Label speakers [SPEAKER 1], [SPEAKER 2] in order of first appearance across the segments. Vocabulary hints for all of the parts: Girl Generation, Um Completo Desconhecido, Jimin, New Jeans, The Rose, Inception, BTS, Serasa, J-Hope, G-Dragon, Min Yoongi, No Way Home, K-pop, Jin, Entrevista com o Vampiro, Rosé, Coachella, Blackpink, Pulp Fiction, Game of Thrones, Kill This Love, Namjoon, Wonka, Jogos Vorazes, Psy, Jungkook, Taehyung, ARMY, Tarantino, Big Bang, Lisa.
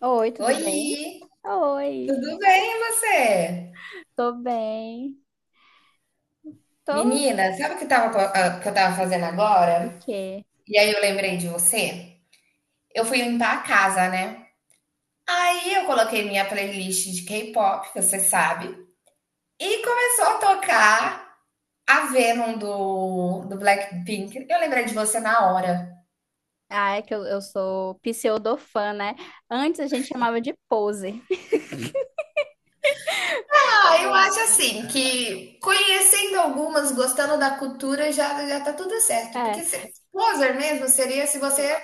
[SPEAKER 1] Oi, tudo bem?
[SPEAKER 2] Oi,
[SPEAKER 1] Oi,
[SPEAKER 2] tudo bem e você?
[SPEAKER 1] tô bem. Tô.
[SPEAKER 2] Menina, sabe o que
[SPEAKER 1] O
[SPEAKER 2] que eu tava fazendo agora?
[SPEAKER 1] quê?
[SPEAKER 2] E aí eu lembrei de você? Eu fui limpar a casa, né? Aí eu coloquei minha playlist de K-pop, que você sabe, e começou a tocar a Venom do Blackpink. Eu lembrei de você na hora.
[SPEAKER 1] Ah, é que eu sou pseudofã, né? Antes a gente chamava de pose.
[SPEAKER 2] Ah, eu acho assim que conhecendo algumas, gostando da cultura, já tá tudo certo.
[SPEAKER 1] É,
[SPEAKER 2] Porque se, poser mesmo seria se você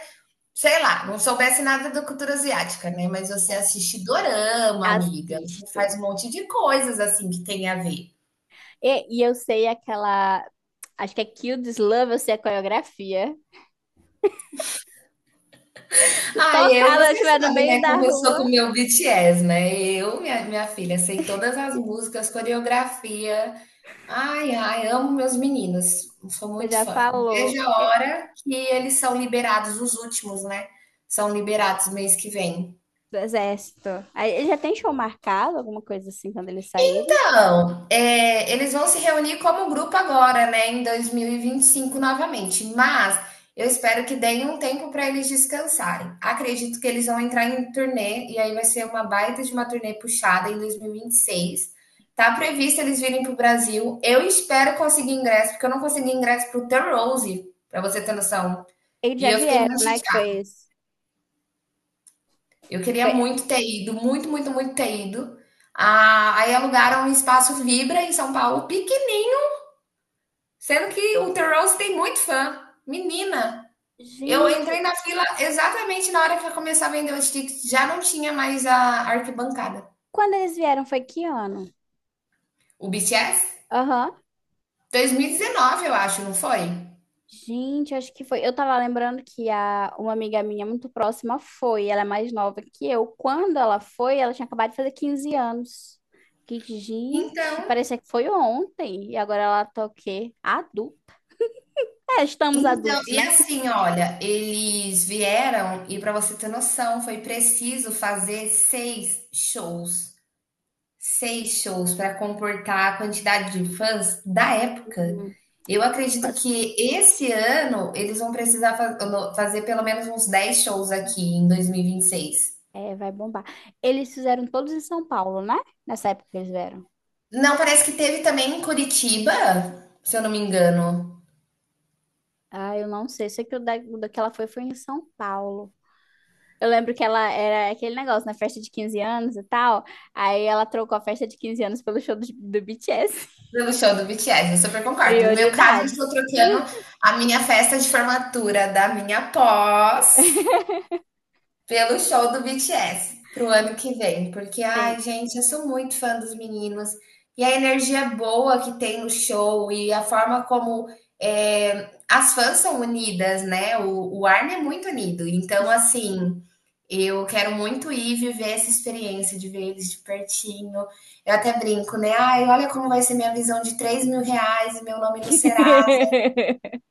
[SPEAKER 2] sei lá, não soubesse nada da cultura asiática, né? Mas você
[SPEAKER 1] é,
[SPEAKER 2] assiste dorama, amiga. Você
[SPEAKER 1] assisto.
[SPEAKER 2] faz um monte de coisas assim que tem a ver.
[SPEAKER 1] E eu sei aquela. Acho que é Kill This Love, eu sei a coreografia.
[SPEAKER 2] Ah, eu,
[SPEAKER 1] Tocar, eu
[SPEAKER 2] você
[SPEAKER 1] estiver no
[SPEAKER 2] sabe,
[SPEAKER 1] meio
[SPEAKER 2] né?
[SPEAKER 1] da
[SPEAKER 2] Como eu sou com
[SPEAKER 1] rua,
[SPEAKER 2] o meu BTS, né? Minha filha, sei todas as músicas, coreografia. Ai, ai, amo meus meninos. Sou
[SPEAKER 1] você
[SPEAKER 2] muito
[SPEAKER 1] já
[SPEAKER 2] fã. Não
[SPEAKER 1] falou.
[SPEAKER 2] vejo a
[SPEAKER 1] É,
[SPEAKER 2] hora que eles são liberados, os últimos, né? São liberados mês que vem.
[SPEAKER 1] do exército. Aí, ele já tem show marcado, alguma coisa assim, quando ele sair?
[SPEAKER 2] Então, é, eles vão se reunir como grupo agora, né, em 2025 novamente, mas eu espero que deem um tempo para eles descansarem. Acredito que eles vão entrar em turnê e aí vai ser uma baita de uma turnê puxada em 2026. Tá previsto eles virem pro Brasil. Eu espero conseguir ingresso, porque eu não consegui ingresso pro o The Rose, para você ter noção.
[SPEAKER 1] Eles
[SPEAKER 2] E
[SPEAKER 1] já
[SPEAKER 2] eu fiquei
[SPEAKER 1] vieram,
[SPEAKER 2] muito
[SPEAKER 1] né? Que foi
[SPEAKER 2] chateada.
[SPEAKER 1] esse.
[SPEAKER 2] Eu queria
[SPEAKER 1] Foi-
[SPEAKER 2] muito ter ido, muito, muito, muito ter ido. Ah, aí alugaram um espaço Vibra em São Paulo, pequenininho. Sendo que o The Rose tem muito fã. Menina, eu entrei
[SPEAKER 1] Gente,
[SPEAKER 2] na fila exatamente na hora que ia começar a vender os tickets. Já não tinha mais a arquibancada.
[SPEAKER 1] quando eles vieram foi que ano?
[SPEAKER 2] O BTS?
[SPEAKER 1] Aham.
[SPEAKER 2] 2019, eu acho, não foi?
[SPEAKER 1] Gente, acho que foi. Eu tava lembrando que a, uma amiga minha muito próxima foi. Ela é mais nova que eu. Quando ela foi, ela tinha acabado de fazer 15 anos. Que, gente,
[SPEAKER 2] Então,
[SPEAKER 1] parecia que foi ontem. E agora ela tá o quê? Adulta. É, estamos
[SPEAKER 2] então,
[SPEAKER 1] adultos,
[SPEAKER 2] e
[SPEAKER 1] né?
[SPEAKER 2] assim, olha, eles vieram e para você ter noção, foi preciso fazer seis shows. Seis shows para comportar a quantidade de fãs da época.
[SPEAKER 1] Hum,
[SPEAKER 2] Eu acredito
[SPEAKER 1] Mas
[SPEAKER 2] que esse ano eles vão precisar fazer pelo menos uns 10 shows aqui em dois mil e vinte e seis.
[SPEAKER 1] é, vai bombar. Eles fizeram todos em São Paulo, né? Nessa época que eles vieram.
[SPEAKER 2] Não, parece que teve também em Curitiba, se eu não me engano,
[SPEAKER 1] Ah, eu não sei. Sei que o da que ela foi foi em São Paulo. Eu lembro que ela era aquele negócio na festa de 15 anos e tal. Aí ela trocou a festa de 15 anos pelo show do BTS.
[SPEAKER 2] pelo show do BTS. Eu super concordo. No meu caso, eu estou
[SPEAKER 1] Prioridades.
[SPEAKER 2] trocando a minha festa de formatura da minha pós. Pelo show do BTS, para o ano que vem, porque,
[SPEAKER 1] Tem-
[SPEAKER 2] ai, gente, eu sou muito fã dos meninos, e a energia boa que tem no show, e a forma como é, as fãs são unidas, né? O ARMY é muito unido, então, assim, eu quero muito ir viver essa experiência de ver eles de pertinho. Eu até brinco, né? Ai, olha como vai ser minha visão de R$ 3.000 e meu nome no Serasa,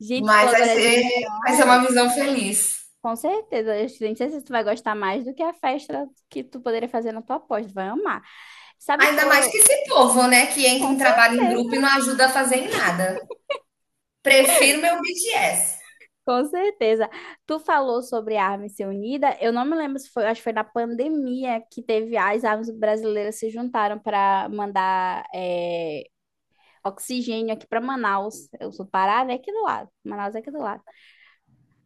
[SPEAKER 1] Gente, falou
[SPEAKER 2] mas vai
[SPEAKER 1] agora de
[SPEAKER 2] ser, vai ser
[SPEAKER 1] união.
[SPEAKER 2] uma visão feliz.
[SPEAKER 1] Com certeza, eu nem sei se tu vai gostar mais do que a festa que tu poderia fazer na tua pós. Tu vai amar. Sabe, tu
[SPEAKER 2] Ainda mais
[SPEAKER 1] falou.
[SPEAKER 2] que esse povo, né, que entra
[SPEAKER 1] Com
[SPEAKER 2] em trabalho em grupo e
[SPEAKER 1] certeza.
[SPEAKER 2] não ajuda a fazer em nada. Prefiro meu BTS.
[SPEAKER 1] Com certeza. Tu falou sobre a Armas Ser Unida. Eu não me lembro se foi, acho que foi na pandemia que teve as armas brasileiras se juntaram para mandar é, oxigênio aqui para Manaus. Eu sou do Pará, né? Aqui do lado. Manaus é aqui do lado.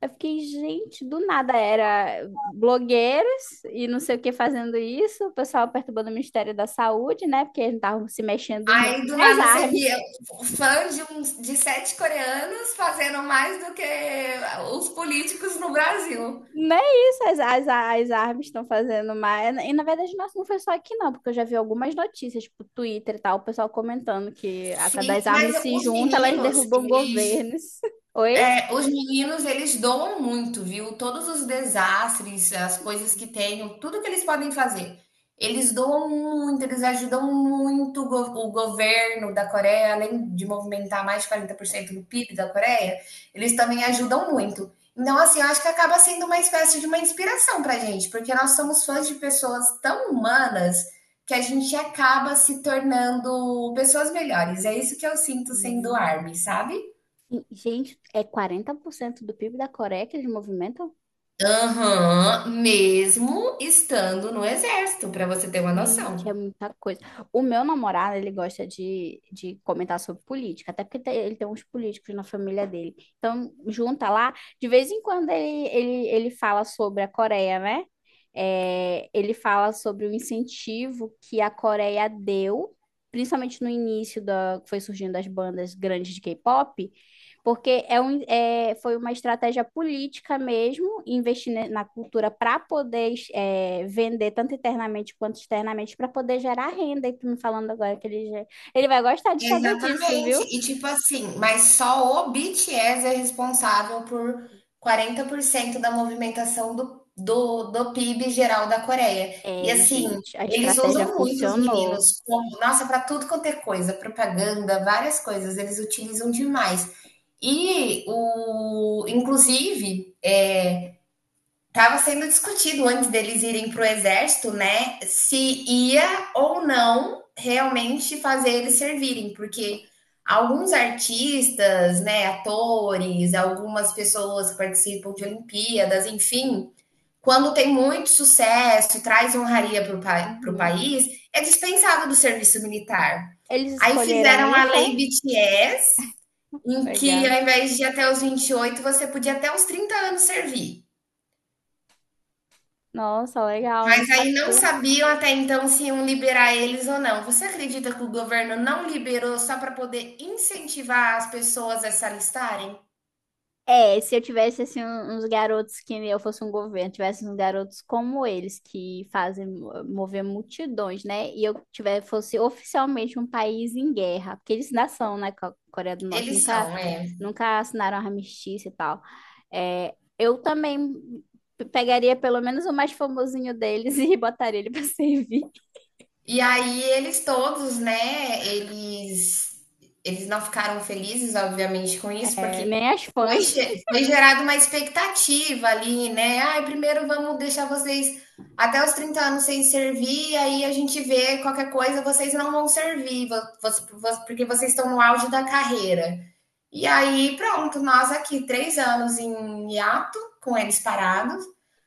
[SPEAKER 1] Eu fiquei, gente, do nada era blogueiros e não sei o que fazendo isso. O pessoal perturbando o Ministério da Saúde, né? Porque eles não estavam se mexendo muito.
[SPEAKER 2] Aí do
[SPEAKER 1] As
[SPEAKER 2] nada você
[SPEAKER 1] armas.
[SPEAKER 2] via fã de sete coreanos fazendo mais do que os políticos no Brasil.
[SPEAKER 1] Não é isso, as, as árvores estão fazendo mais. E na verdade, nossa, não foi só aqui, não, porque eu já vi algumas notícias, tipo, Twitter e tal, o pessoal comentando que a cada
[SPEAKER 2] Sim,
[SPEAKER 1] as
[SPEAKER 2] mas
[SPEAKER 1] árvores se
[SPEAKER 2] os
[SPEAKER 1] juntam, elas
[SPEAKER 2] meninos,
[SPEAKER 1] derrubam
[SPEAKER 2] eles
[SPEAKER 1] governos. Oi?
[SPEAKER 2] É, os meninos, eles doam muito, viu? Todos os desastres, as coisas que tenham, tudo que eles podem fazer. Eles doam muito, eles ajudam muito o governo da Coreia, além de movimentar mais de 40% do PIB da Coreia, eles também ajudam muito. Então, assim, eu acho que acaba sendo uma espécie de uma inspiração pra gente, porque nós somos fãs de pessoas tão humanas que a gente acaba se tornando pessoas melhores. É isso que eu sinto sendo
[SPEAKER 1] Uhum.
[SPEAKER 2] ARMY, sabe?
[SPEAKER 1] E, gente, é 40% do PIB da Coreia que eles movimentam?
[SPEAKER 2] Aham, mesmo estando no exército, para você ter uma
[SPEAKER 1] Gente, é
[SPEAKER 2] noção.
[SPEAKER 1] muita coisa. O meu namorado, ele gosta de comentar sobre política, até porque tem- ele tem uns políticos na família dele. Então, junta lá, de vez em quando ele fala sobre a Coreia, né? É, ele fala sobre o incentivo que a Coreia deu, principalmente no início da, que foi surgindo as bandas grandes de K-pop, porque é um, é, foi uma estratégia política mesmo, investir ne- na cultura para poder é, vender tanto internamente quanto externamente, para poder gerar renda. E tu me falando agora que ele, já- ele vai gostar de saber disso, viu?
[SPEAKER 2] Exatamente. E tipo assim, mas só o BTS é responsável por 40% da movimentação do PIB geral da Coreia. E
[SPEAKER 1] É,
[SPEAKER 2] assim,
[SPEAKER 1] gente, a
[SPEAKER 2] eles
[SPEAKER 1] estratégia
[SPEAKER 2] usam muito os
[SPEAKER 1] funcionou.
[SPEAKER 2] meninos como, nossa, para tudo quanto é coisa, propaganda, várias coisas, eles utilizam demais. E o, inclusive, é, Estava sendo discutido antes deles irem para o exército, né? Se ia ou não realmente fazer eles servirem, porque alguns artistas, né, atores, algumas pessoas que participam de Olimpíadas, enfim, quando tem muito sucesso e traz honraria para o
[SPEAKER 1] Uhum.
[SPEAKER 2] país, é dispensado do serviço militar.
[SPEAKER 1] Eles
[SPEAKER 2] Aí
[SPEAKER 1] escolheram
[SPEAKER 2] fizeram
[SPEAKER 1] ir,
[SPEAKER 2] a
[SPEAKER 1] foi?
[SPEAKER 2] lei BTS, em que
[SPEAKER 1] Legal.
[SPEAKER 2] ao invés de ir até os 28, você podia até os 30 anos servir.
[SPEAKER 1] Nossa, legal, não
[SPEAKER 2] Mas aí não
[SPEAKER 1] sabia.
[SPEAKER 2] sabiam até então se iam liberar eles ou não. Você acredita que o governo não liberou só para poder incentivar as pessoas a se alistarem?
[SPEAKER 1] É, se eu tivesse assim um- uns garotos que eu fosse um governo, tivesse uns garotos como eles que fazem mo- mover multidões, né? E eu tiver fosse oficialmente um país em guerra, porque eles ainda são, né? Co- Coreia do Norte
[SPEAKER 2] Eles
[SPEAKER 1] nunca
[SPEAKER 2] são, é.
[SPEAKER 1] nunca assinaram armistício e tal. É, eu também pe- pegaria pelo menos o mais famosinho deles e botaria ele pra servir.
[SPEAKER 2] E aí eles todos, né, eles não ficaram felizes, obviamente, com isso,
[SPEAKER 1] É,
[SPEAKER 2] porque
[SPEAKER 1] nem as fãs.
[SPEAKER 2] foi gerada uma expectativa ali, né? Ai, primeiro vamos deixar vocês até os 30 anos sem servir, aí a gente vê qualquer coisa, vocês não vão servir, porque vocês estão no auge da carreira. E aí, pronto, nós aqui, 3 anos em hiato, com eles parados.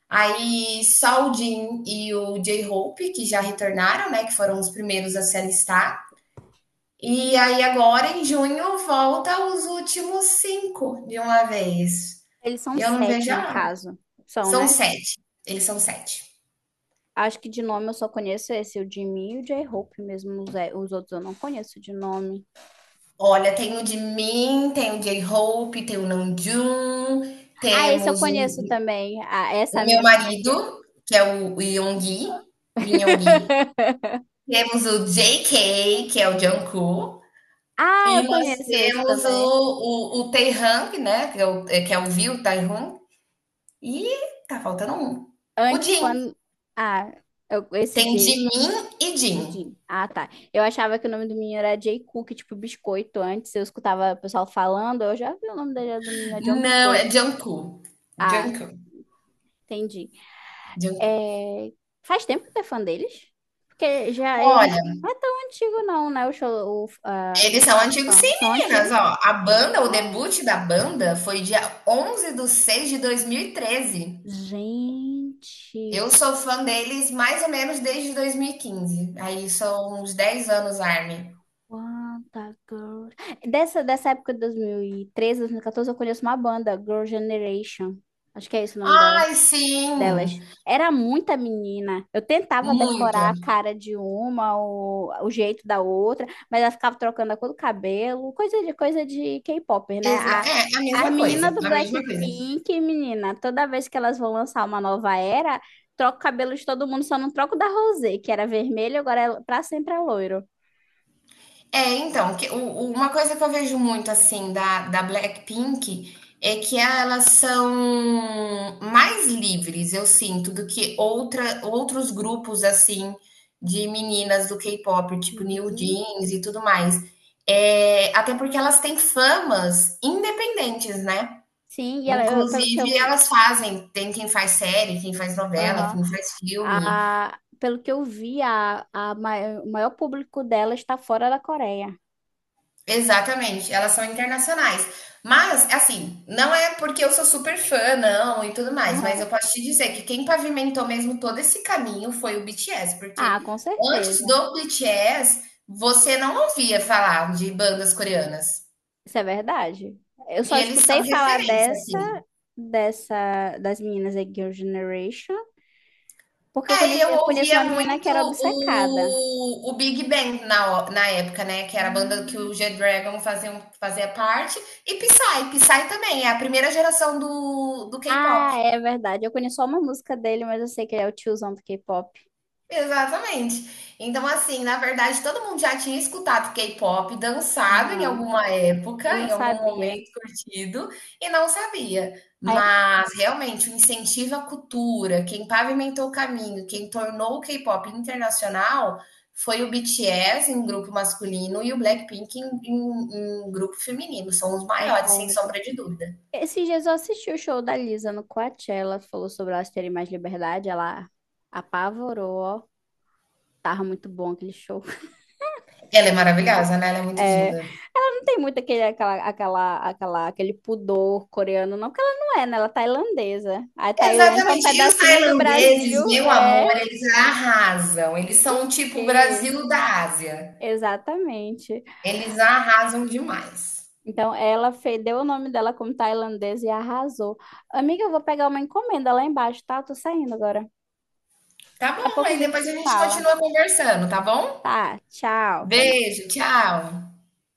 [SPEAKER 2] Aí, só o Jim e o J-Hope, que já retornaram, né? Que foram os primeiros a se alistar. E aí, agora, em junho, volta os últimos cinco de uma vez.
[SPEAKER 1] Eles são
[SPEAKER 2] E eu não
[SPEAKER 1] sete
[SPEAKER 2] vejo
[SPEAKER 1] no
[SPEAKER 2] a hora.
[SPEAKER 1] caso, são,
[SPEAKER 2] São
[SPEAKER 1] né?
[SPEAKER 2] sete. Eles são sete.
[SPEAKER 1] Acho que de nome eu só conheço esse, o Jimmy e o J-Hope mesmo. Os, é, os outros eu não conheço de nome.
[SPEAKER 2] Olha, tem o de mim, tem o J-Hope, tem o Namjoon,
[SPEAKER 1] Ah, esse eu
[SPEAKER 2] temos o,
[SPEAKER 1] conheço também. Ah, essa
[SPEAKER 2] o
[SPEAKER 1] minha
[SPEAKER 2] meu
[SPEAKER 1] amiga
[SPEAKER 2] marido,
[SPEAKER 1] aqui.
[SPEAKER 2] que é o Yoongi, Min Yoongi. Temos o J K que é o Jungkook,
[SPEAKER 1] Ah,
[SPEAKER 2] e
[SPEAKER 1] eu
[SPEAKER 2] nós
[SPEAKER 1] conheço esse
[SPEAKER 2] temos
[SPEAKER 1] também.
[SPEAKER 2] o Taehyung, né, que é o Viu, Taehyung, e tá faltando um. O
[SPEAKER 1] Antes,
[SPEAKER 2] Jin.
[SPEAKER 1] quando. Ah, eu- esse
[SPEAKER 2] Tem
[SPEAKER 1] J.
[SPEAKER 2] Jimin e Jin.
[SPEAKER 1] e Jim. Ah, tá. Eu achava que o nome do menino era J. Cook, tipo biscoito. Antes eu escutava o pessoal falando, eu já vi o nome dele era do menino, é John
[SPEAKER 2] Não,
[SPEAKER 1] Biscoito.
[SPEAKER 2] é Jungkook.
[SPEAKER 1] Ah,
[SPEAKER 2] Jungkook.
[SPEAKER 1] entendi.
[SPEAKER 2] Jungkook.
[SPEAKER 1] É, faz tempo que tu é fã deles? Porque já ele
[SPEAKER 2] Olha,
[SPEAKER 1] não é tão antigo não, né? O show, o,
[SPEAKER 2] eles são
[SPEAKER 1] a
[SPEAKER 2] antigos sim,
[SPEAKER 1] fã. São
[SPEAKER 2] meninas,
[SPEAKER 1] antigos.
[SPEAKER 2] ó. A banda, o debut da banda foi dia 11 de 6 de 2013.
[SPEAKER 1] Gente,
[SPEAKER 2] Eu sou fã deles mais ou menos desde 2015. Aí são uns 10 anos, Armin.
[SPEAKER 1] quanta girl. Dessa época de dois mil e 2014, eu conheço uma banda, Girl Generation. Acho que é esse o nome dela.
[SPEAKER 2] Ai,
[SPEAKER 1] Delas.
[SPEAKER 2] sim,
[SPEAKER 1] Era muita menina. Eu tentava
[SPEAKER 2] muita.
[SPEAKER 1] decorar a cara de uma, o jeito da outra, mas ela ficava trocando a cor do cabelo, coisa de K-pop, né?
[SPEAKER 2] Exa
[SPEAKER 1] A,
[SPEAKER 2] é, a
[SPEAKER 1] as
[SPEAKER 2] mesma coisa,
[SPEAKER 1] meninas do
[SPEAKER 2] a mesma coisa.
[SPEAKER 1] Blackpink, menina, toda vez que elas vão lançar uma nova era, troca o cabelo de todo mundo, só não troco da Rosé, que era vermelho, agora é pra sempre é loiro.
[SPEAKER 2] É, então, que o uma coisa que eu vejo muito, assim, da Blackpink, é que elas são mais livres, eu sinto, do que outra outros grupos, assim, de meninas do K-pop, tipo New
[SPEAKER 1] Uhum.
[SPEAKER 2] Jeans e tudo mais. Até porque elas têm famas independentes, né.
[SPEAKER 1] Sim, e ela, eu- pelo que
[SPEAKER 2] Inclusive,
[SPEAKER 1] eu,
[SPEAKER 2] elas fazem, tem quem faz série, quem faz novela,
[SPEAKER 1] aham.
[SPEAKER 2] quem faz filme.
[SPEAKER 1] A, pelo que eu vi, a mai- o maior público dela está fora da Coreia.
[SPEAKER 2] Exatamente, elas são internacionais. Mas, assim, não é porque eu sou super fã, não, e tudo mais, mas eu
[SPEAKER 1] Aham.
[SPEAKER 2] posso te dizer que quem pavimentou mesmo todo esse caminho foi o BTS,
[SPEAKER 1] Ah,
[SPEAKER 2] porque
[SPEAKER 1] com
[SPEAKER 2] antes
[SPEAKER 1] certeza.
[SPEAKER 2] do BTS, você não ouvia falar de bandas coreanas.
[SPEAKER 1] Isso é verdade. Eu só
[SPEAKER 2] E eles
[SPEAKER 1] escutei
[SPEAKER 2] são
[SPEAKER 1] falar
[SPEAKER 2] referência,
[SPEAKER 1] dessa,
[SPEAKER 2] assim.
[SPEAKER 1] dessa, das meninas da Girl Generation, porque eu
[SPEAKER 2] É, e
[SPEAKER 1] conheci,
[SPEAKER 2] eu
[SPEAKER 1] eu conheço
[SPEAKER 2] ouvia
[SPEAKER 1] uma menina que
[SPEAKER 2] muito
[SPEAKER 1] era obcecada.
[SPEAKER 2] o Big Bang na época, né? Que era a banda que o G-Dragon fazia parte. E Psy, Psy também, é a primeira geração do K-pop.
[SPEAKER 1] Ah, é verdade. Eu conheço só uma música dele, mas eu sei que ele é o tiozão do K-pop.
[SPEAKER 2] Exatamente. Então, assim, na verdade, todo mundo já tinha escutado K-pop, dançado em
[SPEAKER 1] Aham.
[SPEAKER 2] alguma época,
[SPEAKER 1] E não
[SPEAKER 2] em algum
[SPEAKER 1] sabia.
[SPEAKER 2] momento curtido, e não sabia.
[SPEAKER 1] É,
[SPEAKER 2] Mas, realmente, o incentivo à cultura, quem pavimentou o caminho, quem tornou o K-pop internacional, foi o BTS em grupo masculino e o Blackpink em grupo feminino. São os maiores, sem
[SPEAKER 1] concordo.
[SPEAKER 2] sombra de dúvida.
[SPEAKER 1] Esses dias eu assisti o show da Lisa no Coachella, falou sobre elas terem mais liberdade, ela apavorou, ó. Tava muito bom aquele show.
[SPEAKER 2] Ela é maravilhosa, né? Ela é muito
[SPEAKER 1] É,
[SPEAKER 2] diva.
[SPEAKER 1] ela não tem muito aquele, aquela, aquele pudor coreano, não, porque ela não é, né? Ela é tailandesa. A Tailândia é um
[SPEAKER 2] Exatamente. E os
[SPEAKER 1] pedacinho do
[SPEAKER 2] tailandeses,
[SPEAKER 1] Brasil,
[SPEAKER 2] meu amor,
[SPEAKER 1] é
[SPEAKER 2] eles arrasam. Eles são
[SPEAKER 1] o
[SPEAKER 2] tipo o
[SPEAKER 1] quê?
[SPEAKER 2] Brasil da Ásia.
[SPEAKER 1] Exatamente.
[SPEAKER 2] Eles arrasam demais.
[SPEAKER 1] Então, ela fe- deu o nome dela como tailandesa e arrasou. Amiga, eu vou pegar uma encomenda lá embaixo, tá? Eu tô saindo agora.
[SPEAKER 2] Tá
[SPEAKER 1] Daqui a
[SPEAKER 2] bom,
[SPEAKER 1] pouco a
[SPEAKER 2] aí
[SPEAKER 1] gente
[SPEAKER 2] depois
[SPEAKER 1] se
[SPEAKER 2] a gente
[SPEAKER 1] fala.
[SPEAKER 2] continua conversando, tá bom?
[SPEAKER 1] Tá, tchau. Até
[SPEAKER 2] Beijo, tchau.